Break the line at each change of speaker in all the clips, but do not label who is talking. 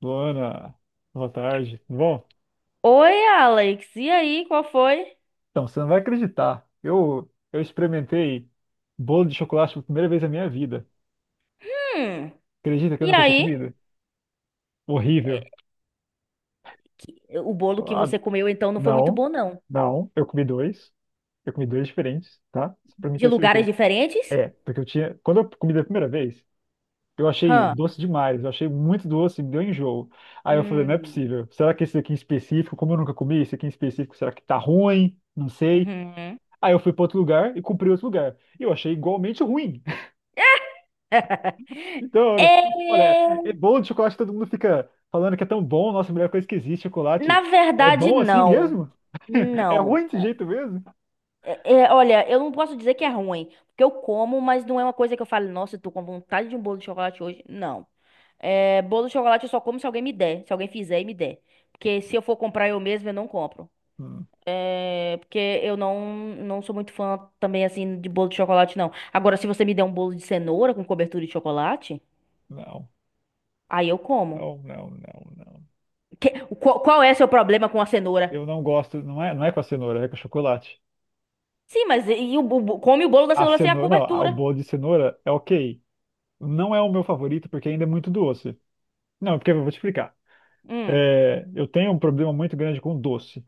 Luana, boa tarde. Tudo bom,
Oi, Alex. E aí, qual foi?
então, você não vai acreditar. Eu experimentei bolo de chocolate pela primeira vez na minha vida.
Hum.
Acredita que eu
E
nunca tinha
aí?
comido?
É,
Horrível.
Que- O bolo que
Ah,
você comeu então não foi muito
não,
bom, não.
não. Eu comi dois. Eu comi dois diferentes, tá? Só pra mim
De
ter
lugares
certeza.
diferentes?
É, porque eu tinha. Quando eu comi da primeira vez, eu achei
Hã.
doce demais. Eu achei muito doce, me deu enjoo. Aí eu falei, não é
Hum.
possível. Será que esse aqui em específico, como eu nunca comi, esse aqui em específico, será que tá ruim? Não sei.
Uhum.
Aí eu fui para outro lugar e cumpri outro lugar. E eu achei igualmente ruim. Então, olha,
É,
é bom de chocolate, todo mundo fica falando que é tão bom, nossa, a melhor coisa que existe, é
na
chocolate. É
verdade,
bom assim
não.
mesmo? É
Não.
ruim desse jeito mesmo?
É, olha, eu não posso dizer que é ruim, porque eu como, mas não é uma coisa que eu falo, nossa, eu tô com vontade de um bolo de chocolate hoje. Não. É, bolo de chocolate eu só como se alguém me der, se alguém fizer e me der. Porque se eu for comprar eu mesmo, eu não compro.
Hum,
É, porque eu não sou muito fã também, assim, de bolo de chocolate, não. Agora, se você me der um bolo de cenoura com cobertura de chocolate,
Não,
aí eu como.
não, não, não, não.
Que- qual é seu problema com a cenoura?
Eu não gosto, não é com a cenoura, é com chocolate.
Sim, mas e come o bolo da
A
cenoura sem a
cenoura, não, o
cobertura.
bolo de cenoura é ok. Não é o meu favorito porque ainda é muito doce. Não, porque eu vou te explicar.
Hum,
É, eu tenho um problema muito grande com doce.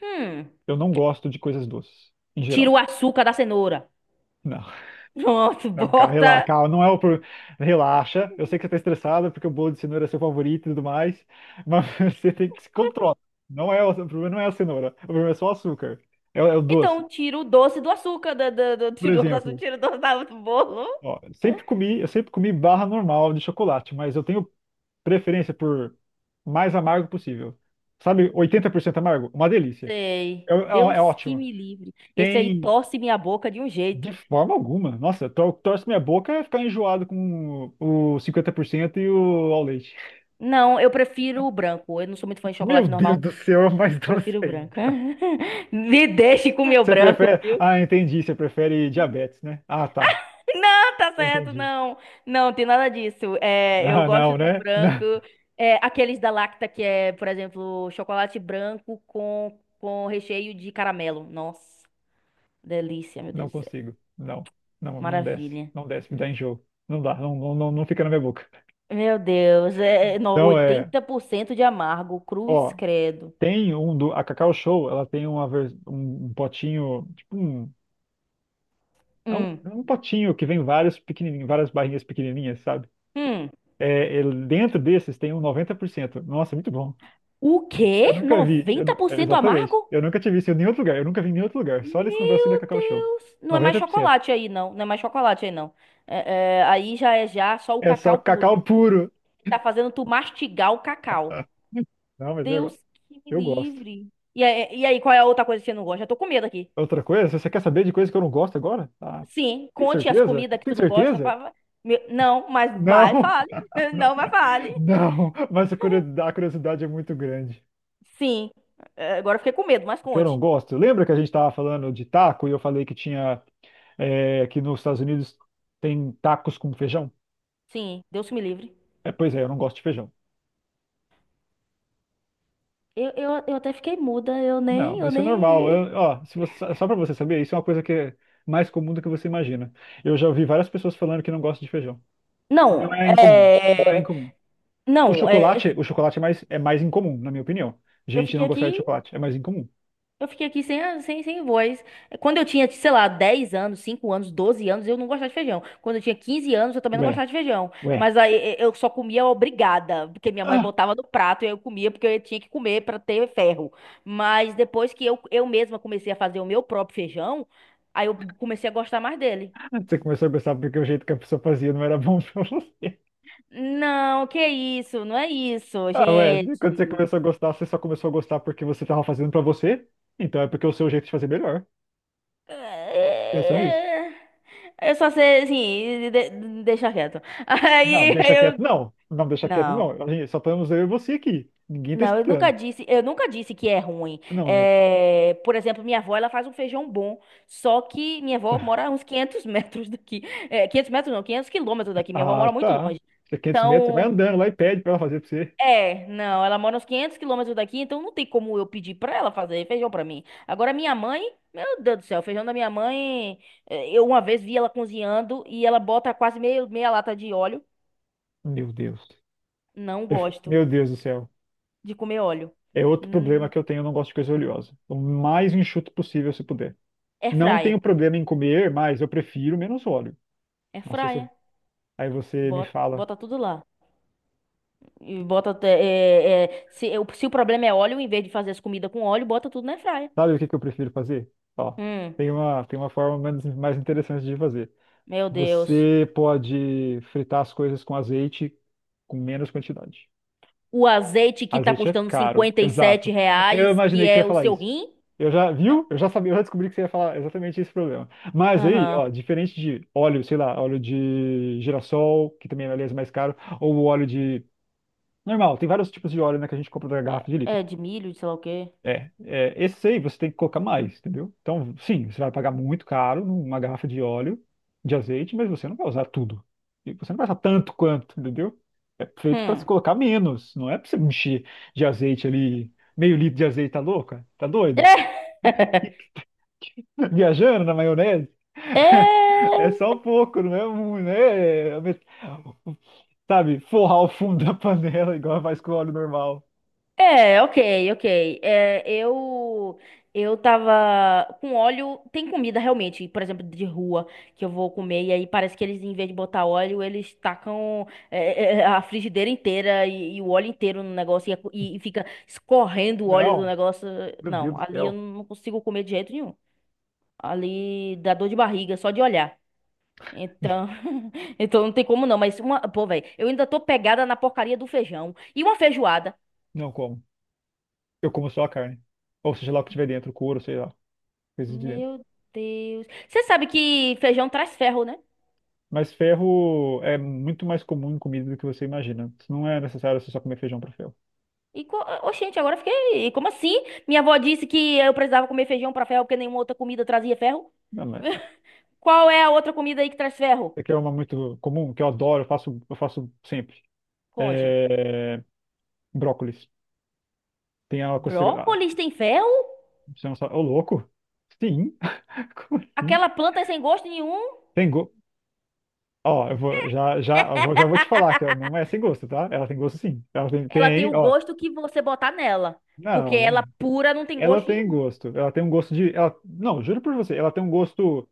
hum.
Eu não gosto de coisas doces, em
Tira
geral.
o açúcar da cenoura.
Não.
Pronto,
Não, cara, relaxa,
bota.
calma, não é o problema. Relaxa, eu sei que você tá estressada porque o bolo de cenoura é seu favorito e tudo mais, mas você tem que se controlar. Não é o problema não é a cenoura, o problema é só o açúcar, é, o doce.
Então, tira o doce do açúcar.
Por
Tira o doce do açúcar,
exemplo,
tira o doce do bolo.
ó, eu sempre comi barra normal de chocolate, mas eu tenho preferência por mais amargo possível. Sabe, 80% amargo? Uma delícia.
Sei.
É, é, é
Deus que
ótimo.
me livre. Esse aí
Tem,
torce minha boca de um
de
jeito.
forma alguma, nossa, torce minha boca é ficar enjoado com o 50% e o ao leite.
Não, eu prefiro o branco. Eu não sou muito fã de
Meu
chocolate
Deus
normal.
do céu, é mais
Eu
doce
prefiro o branco.
ainda.
Me deixe com o meu
Você
branco,
prefere.
viu?
Ah, entendi. Você prefere diabetes, né? Ah, tá.
Não, tá certo,
Entendi.
não. Não, tem nada disso. É, eu
Ah,
gosto
não,
do
né? Não,
branco. É, aqueles da Lacta, que é, por exemplo, chocolate branco com recheio de caramelo. Nossa, delícia, meu Deus
não
do céu.
consigo. Não. Não, não desce.
Maravilha.
Não desce, me dá enjoo. Não dá, não, não, não não fica na minha boca.
Meu Deus,
Então é.
80% de amargo. Cruz
Ó,
credo.
tem um do. A Cacau Show, ela tem um potinho. Tipo um. É um,
Hum,
é um potinho que vem vários pequenininhos, várias barrinhas pequenininhas, sabe?
hum.
É, dentro desses tem um 90%. Nossa, é muito bom.
O
Eu
quê?
nunca vi, é,
90%
exatamente.
amargo?
Eu nunca tive isso em nenhum outro lugar. Eu nunca vi em nenhum outro lugar. Só nesse negócio da
Meu
Cacau Show.
Deus. Não é mais
90%.
chocolate aí, não. Não é mais chocolate aí, não. É, aí já é já só o
É só
cacau puro.
cacau puro.
Tá fazendo tu mastigar o cacau.
Não, mas
Deus que me
eu gosto.
livre. E aí, qual é a outra coisa que você não gosta? Eu tô com medo aqui.
Outra coisa, se você quer saber de coisa que eu não gosto agora? Ah,
Sim,
tem
conte as
certeza?
comidas que
Tem
tu não gosta.
certeza?
Não, mas vai,
Não!
fale. Não,
Não,
mas fale.
não, mas a curiosidade é muito grande.
Sim. É, agora eu fiquei com medo, mas
Que eu não
conte.
gosto. Lembra que a gente estava falando de taco e eu falei que tinha, que nos Estados Unidos tem tacos com feijão?
Sim, Deus que me livre.
É, pois é, eu não gosto de feijão.
Eu até fiquei muda, eu
Não,
nem, eu
isso é normal.
nem.
Ó, se você- só para você saber, isso é uma coisa que é mais comum do que você imagina. Eu já ouvi várias pessoas falando que não gostam de feijão. Não
Não,
é incomum, não é
é.
incomum. O
Não, é,
chocolate, o chocolate é mais incomum, na minha opinião.
Eu
Gente
fiquei
não gostar de
aqui,
chocolate é mais incomum.
eu fiquei aqui sem, a- sem, sem voz. Quando eu tinha, sei lá, 10 anos, 5 anos, 12 anos, eu não gostava de feijão. Quando eu tinha 15 anos, eu também não
Ué,
gostava de feijão.
ué.
Mas aí eu só comia obrigada, porque minha mãe
Ah,
botava no prato e eu comia porque eu tinha que comer para ter ferro. Mas depois que eu mesma comecei a fazer o meu próprio feijão, aí eu comecei a gostar mais dele.
você começou a gostar porque o jeito que a pessoa fazia não era bom pra você.
Não, que isso, não é isso,
Ah, ué, quando você
gente.
começou a gostar, você só começou a gostar porque você tava fazendo pra você? Então é porque o seu jeito de fazer é melhor.
É.
Pensou nisso?
É, é. Eu só sei, assim, deixa quieto.
Não,
Aí
deixa
eu.
quieto, não. Não, deixa quieto,
Não,
não. A gente, só estamos eu e você aqui. Ninguém tá
não, eu nunca
escutando.
disse, eu nunca disse que é ruim.
Não, não.
É, por exemplo, minha avó, ela faz um feijão bom, só que minha avó mora uns 500 metros daqui. É, 500 metros não, 500 quilômetros daqui. Minha avó
Ah,
mora muito
tá.
longe.
Você é 500 metros, você vai
Então,
andando lá e pede pra ela fazer pra você.
é, não, ela mora uns 500 quilômetros daqui, então não tem como eu pedir pra ela fazer feijão pra mim. Agora, minha mãe, meu Deus do céu, o feijão da minha mãe, eu uma vez vi ela cozinhando e ela bota quase meia lata de óleo.
Meu Deus.
Não gosto
Meu Deus do céu.
de comer óleo.
É outro problema
Hum,
que eu tenho, eu não gosto de coisa oleosa. O mais enxuto possível, se puder.
air
Não
fryer.
tenho problema em comer, mas eu prefiro menos óleo. Não sei se.
Air.
Aí você me
Bota,
fala,
bota tudo lá. E bota se o problema é óleo, em vez de fazer as comidas com óleo, bota tudo na air.
sabe o que que eu prefiro fazer? Ó,
Hum,
tem uma forma menos, mais interessante de fazer.
meu Deus.
Você pode fritar as coisas com azeite com menos quantidade.
O azeite que tá
Azeite é
custando
caro,
57
exato. Eu
reais, que
imaginei que você ia
é o
falar
seu
isso.
rim?
Eu já, viu? Eu já sabia, eu já descobri que você ia falar exatamente esse problema. Mas aí,
Aham.
ó, diferente de óleo, sei lá, óleo de girassol, que também é, aliás, mais caro, ou o óleo de. Normal, tem vários tipos de óleo, né, que a gente compra da
É,
garrafa de
é
litro.
de milho, de sei lá o quê.
É, é, esse aí você tem que colocar mais, entendeu? Então, sim, você vai pagar muito caro numa garrafa de óleo, de azeite, mas você não vai usar tudo. E você não vai usar tanto quanto, entendeu? É feito para se
Hum.
colocar menos, não é para você encher de azeite ali, meio litro de azeite, tá louca? Tá doida? Viajando na maionese?
É.
É só um pouco, não é muito, né? Sabe, forrar o fundo da panela igual faz com óleo normal.
É, ok, ok. É, eu tava com óleo. Tem comida realmente, por exemplo, de rua que eu vou comer e aí parece que eles, em vez de botar óleo, eles tacam a frigideira inteira e o óleo inteiro no negócio e fica escorrendo o óleo do
Não,
negócio.
meu Deus
Não,
do
ali eu
céu,
não consigo comer de jeito nenhum. Ali dá dor de barriga só de olhar. Então, então não tem como não. Mas uma, pô, velho, eu ainda tô pegada na porcaria do feijão e uma feijoada.
não como. Eu como só a carne. Ou seja lá o que tiver dentro, couro, sei lá, coisas de dentro.
Meu Deus. Você sabe que feijão traz ferro, né?
Mas ferro é muito mais comum em comida do que você imagina. Não é necessário você só comer feijão para ferro.
E, oxente, agora eu fiquei. Como assim? Minha avó disse que eu precisava comer feijão pra ferro porque nenhuma outra comida trazia ferro?
Não, mas é
Qual é a outra comida aí que traz ferro?
É que é uma muito comum, que eu adoro, eu faço sempre.
Conte.
É. Brócolis. Tem a consideração.
Brócolis tem ferro?
Você não sabe. Ô, louco? Sim? Como assim?
Aquela planta é sem gosto nenhum?
Tem go. Ó, eu vou, já, já, já vou te falar que ela não é sem gosto, tá? Ela tem gosto sim. Ela tem,
Ela tem
tem,
o
ó.
gosto que você botar nela. Porque
Não.
ela pura não tem
Ela
gosto
tem
nenhum.
gosto. Ela tem um gosto de. Ela. Não, juro por você. Ela tem um gosto.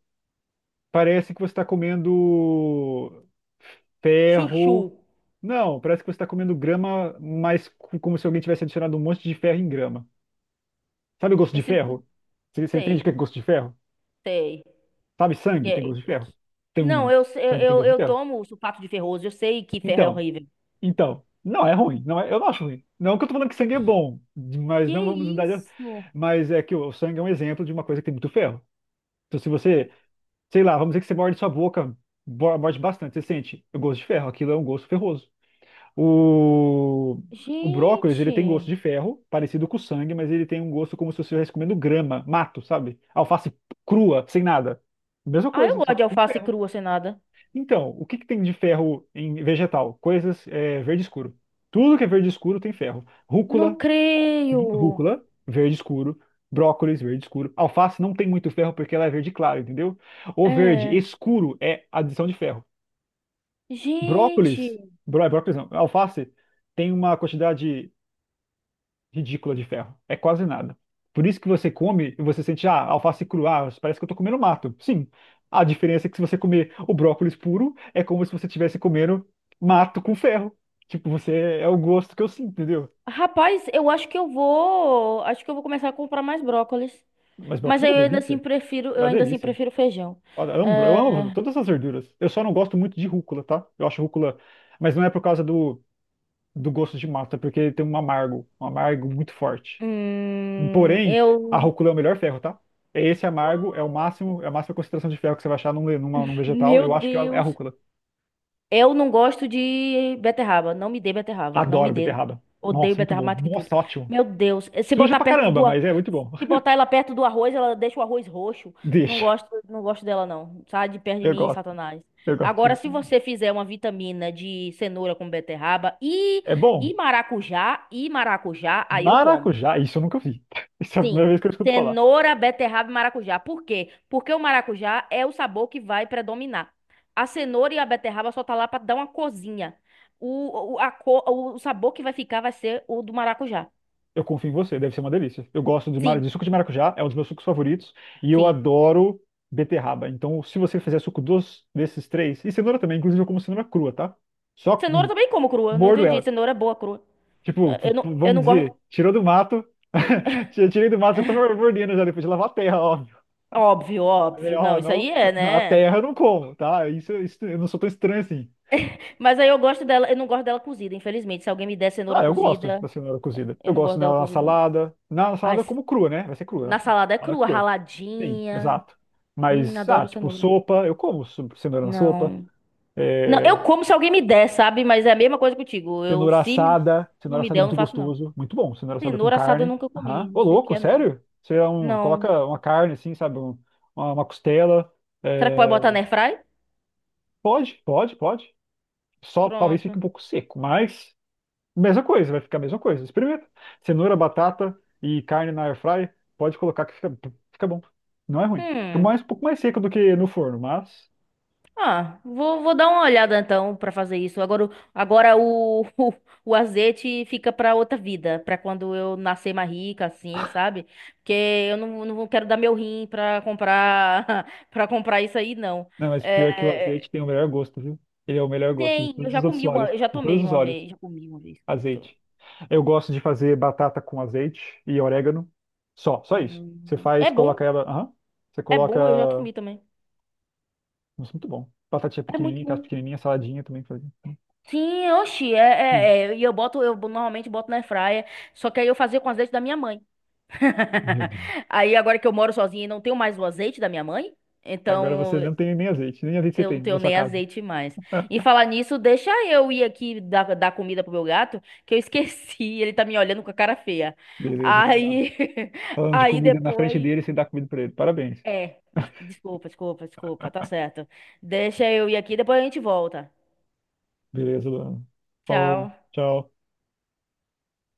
Parece que você está comendo
Chuchu.
ferro. Não, parece que você está comendo grama, mas como se alguém tivesse adicionado um monte de ferro em grama. Sabe o gosto
Eu
de
sinto que.
ferro? Você entende o que
Sei,
é gosto de ferro?
sei.
Sabe sangue tem
É,
gosto de ferro? Tem
não,
um.
eu, eu,
Sangue tem
eu
gosto de
eu
ferro.
tomo sulfato de ferroso, eu sei que ferro é
Então,
horrível.
então. Não, é ruim. Não é. Eu não acho ruim. Não que eu tô falando que sangue é bom, mas
Que
não vamos mudar de.
isso?
Mas é que o sangue é um exemplo de uma coisa que tem muito ferro. Então, se você sei lá, vamos dizer que você morde sua boca, morde bastante, você sente o gosto de ferro, aquilo é um gosto ferroso. O, o brócolis, ele tem gosto de
Gente.
ferro, parecido com o sangue, mas ele tem um gosto como se você estivesse comendo grama, mato, sabe? Alface crua, sem nada. Mesma
Ah, eu
coisa, só
gosto
que
de
com
alface
ferro.
crua sem nada.
Então, o que que tem de ferro em vegetal? Coisas verde escuro. Tudo que é verde escuro tem ferro. Rúcula,
Não creio.
Rúcula, verde escuro. Brócolis, verde escuro. Alface não tem muito ferro porque ela é verde claro, entendeu? O verde
É.
escuro é adição de ferro. Brócolis,
Gente.
brócolis não, alface tem uma quantidade ridícula de ferro. É quase nada. Por isso que você come e você sente, ah, alface crua, ah, parece que eu tô comendo mato. Sim. A diferença é que se você comer o brócolis puro, é como se você estivesse comendo mato com ferro. Tipo, você é o gosto que eu sinto, entendeu?
Rapaz, eu acho que eu vou. Acho que eu vou começar a comprar mais brócolis.
Mas brócolis
Mas
é
aí
uma
eu ainda assim
delícia.
prefiro,
É
eu
uma
ainda assim
delícia.
prefiro feijão.
Olha, eu amo, eu
É,
amo todas as verduras. Eu só não gosto muito de rúcula, tá? Eu acho rúcula, mas não é por causa do gosto de massa, é porque tem um amargo muito forte. Porém, a
eu.
rúcula é o melhor ferro, tá? Esse amargo é o máximo, é a máxima concentração de ferro que você vai achar num vegetal.
Meu
Eu acho que é a
Deus.
rúcula.
Eu não gosto de beterraba. Não me dê beterraba. Não me
Adoro
dê.
beterraba.
Odeio
Nossa, muito
beterraba
bom.
mais do que tudo.
Nossa, ótimo.
Meu Deus. Eh, Se
Suja
botar
pra
perto
caramba,
do, ar-
mas é muito bom.
se botar ela perto do arroz, ela deixa o arroz roxo. Não
Deixa.
gosto, não gosto dela, não. Sai de perto de
Eu
mim,
gosto.
Satanás.
Eu gosto.
Agora, se você fizer uma vitamina de cenoura com beterraba e,
É bom.
e maracujá, aí eu tomo.
Maracujá, isso eu nunca vi. Isso é a
Sim,
primeira vez que eu escuto falar.
cenoura, beterraba e maracujá. Por quê? Porque o maracujá é o sabor que vai predominar. A cenoura e a beterraba só tá lá para dar uma cozinha. O sabor que vai ficar vai ser o do maracujá.
Eu confio em você, deve ser uma delícia. Eu gosto de, mara-
Sim,
de suco de maracujá, é um dos meus sucos favoritos, e eu
sim.
adoro beterraba. Então, se você fizer suco desses três, e cenoura também, inclusive eu como cenoura crua, tá? Só
Cenoura eu também como crua, não
mordo
entendi.
ela.
Cenoura é boa crua.
Tipo,
Eh, Eu não, eu
vamos
não gosto.
dizer, tirou do mato, tirei do mato, eu tô mordendo já depois de lavar a terra, óbvio.
Óbvio,
Falei,
óbvio. Não,
ó,
isso
não,
aí é,
não, a
né?
terra eu não como, tá? Isso, eu não sou tão estranho assim.
Mas aí eu gosto dela, eu não gosto dela cozida, infelizmente. Se alguém me der cenoura
Ah, eu gosto
cozida,
da cenoura cozida. Eu
eu não
gosto
gosto dela
nela na
cozida, não.
salada. Na
Ai,
salada eu como crua, né? Vai ser
na
crua.
salada é
Salada
crua,
crua. Sim,
raladinha.
exato. Mas, ah,
Adoro
tipo
cenoura.
sopa, eu como cenoura na sopa.
Não. Não, eu
É,
como se alguém me der, sabe? Mas é a mesma coisa contigo. Eu,
cenoura
se me-
assada.
não
Cenoura
me
assada
der,
é
eu não
muito
faço, não.
gostoso. Muito bom. Cenoura assada com
Cenoura assada eu
carne.
nunca
Aham.
comi.
Ô,
Não sei o que
louco,
é, não.
sério? Você é
Não.
coloca uma carne assim, sabe? Uma costela.
Será que pode
É,
botar na airfry?
pode, pode, pode. Só talvez fique
Pronto.
um pouco seco, mas mesma coisa, vai ficar a mesma coisa. Experimenta. Cenoura, batata e carne na air fryer, pode colocar que fica bom. Não é ruim. Fica
Hum.
mais, um pouco mais seco do que no forno, mas.
Ah, vou dar uma olhada então pra fazer isso. Agora, o azeite fica pra outra vida, pra quando eu nascer mais rica, assim, sabe? Porque eu não quero dar meu rim pra comprar para comprar isso aí, não.
Não, mas pior que o
É,
azeite tem o melhor gosto, viu? Ele é o melhor gosto de
Tem,
todos os outros óleos.
eu já
De todos
tomei
os
uma
óleos.
vez, já comi uma vez. Escuta.
Azeite. Eu gosto de fazer batata com azeite e orégano. Só isso. Você
Hum, é
faz, coloca
bom,
ela. Aham. Você
é
coloca.
bom, eu já comi também.
Nossa, muito bom. Batatinha
É muito
pequenininha, casa
bom.
pequenininha, saladinha também. Faz.
Sim, oxi,
Hum.
e eu normalmente boto na airfryer, só que aí eu fazia com azeite da minha mãe.
Meu Deus.
Aí agora que eu moro sozinha e não tenho mais o azeite da minha mãe,
Agora
então
você não tem nem azeite. Nem azeite você
eu não
tem na
tenho
sua
nem
casa.
azeite mais. E falar nisso, deixa eu ir aqui dar comida pro meu gato, que eu esqueci, ele tá me olhando com a cara feia.
Beleza, vai lá.
Aí,
Falando de
aí
comida na frente
depois.
dele, você dá comida pra ele. Parabéns.
É. Desculpa, desculpa, desculpa. Tá certo. Deixa eu ir aqui, depois a gente volta.
Beleza, Luana. Falou,
Tchau.
tchau.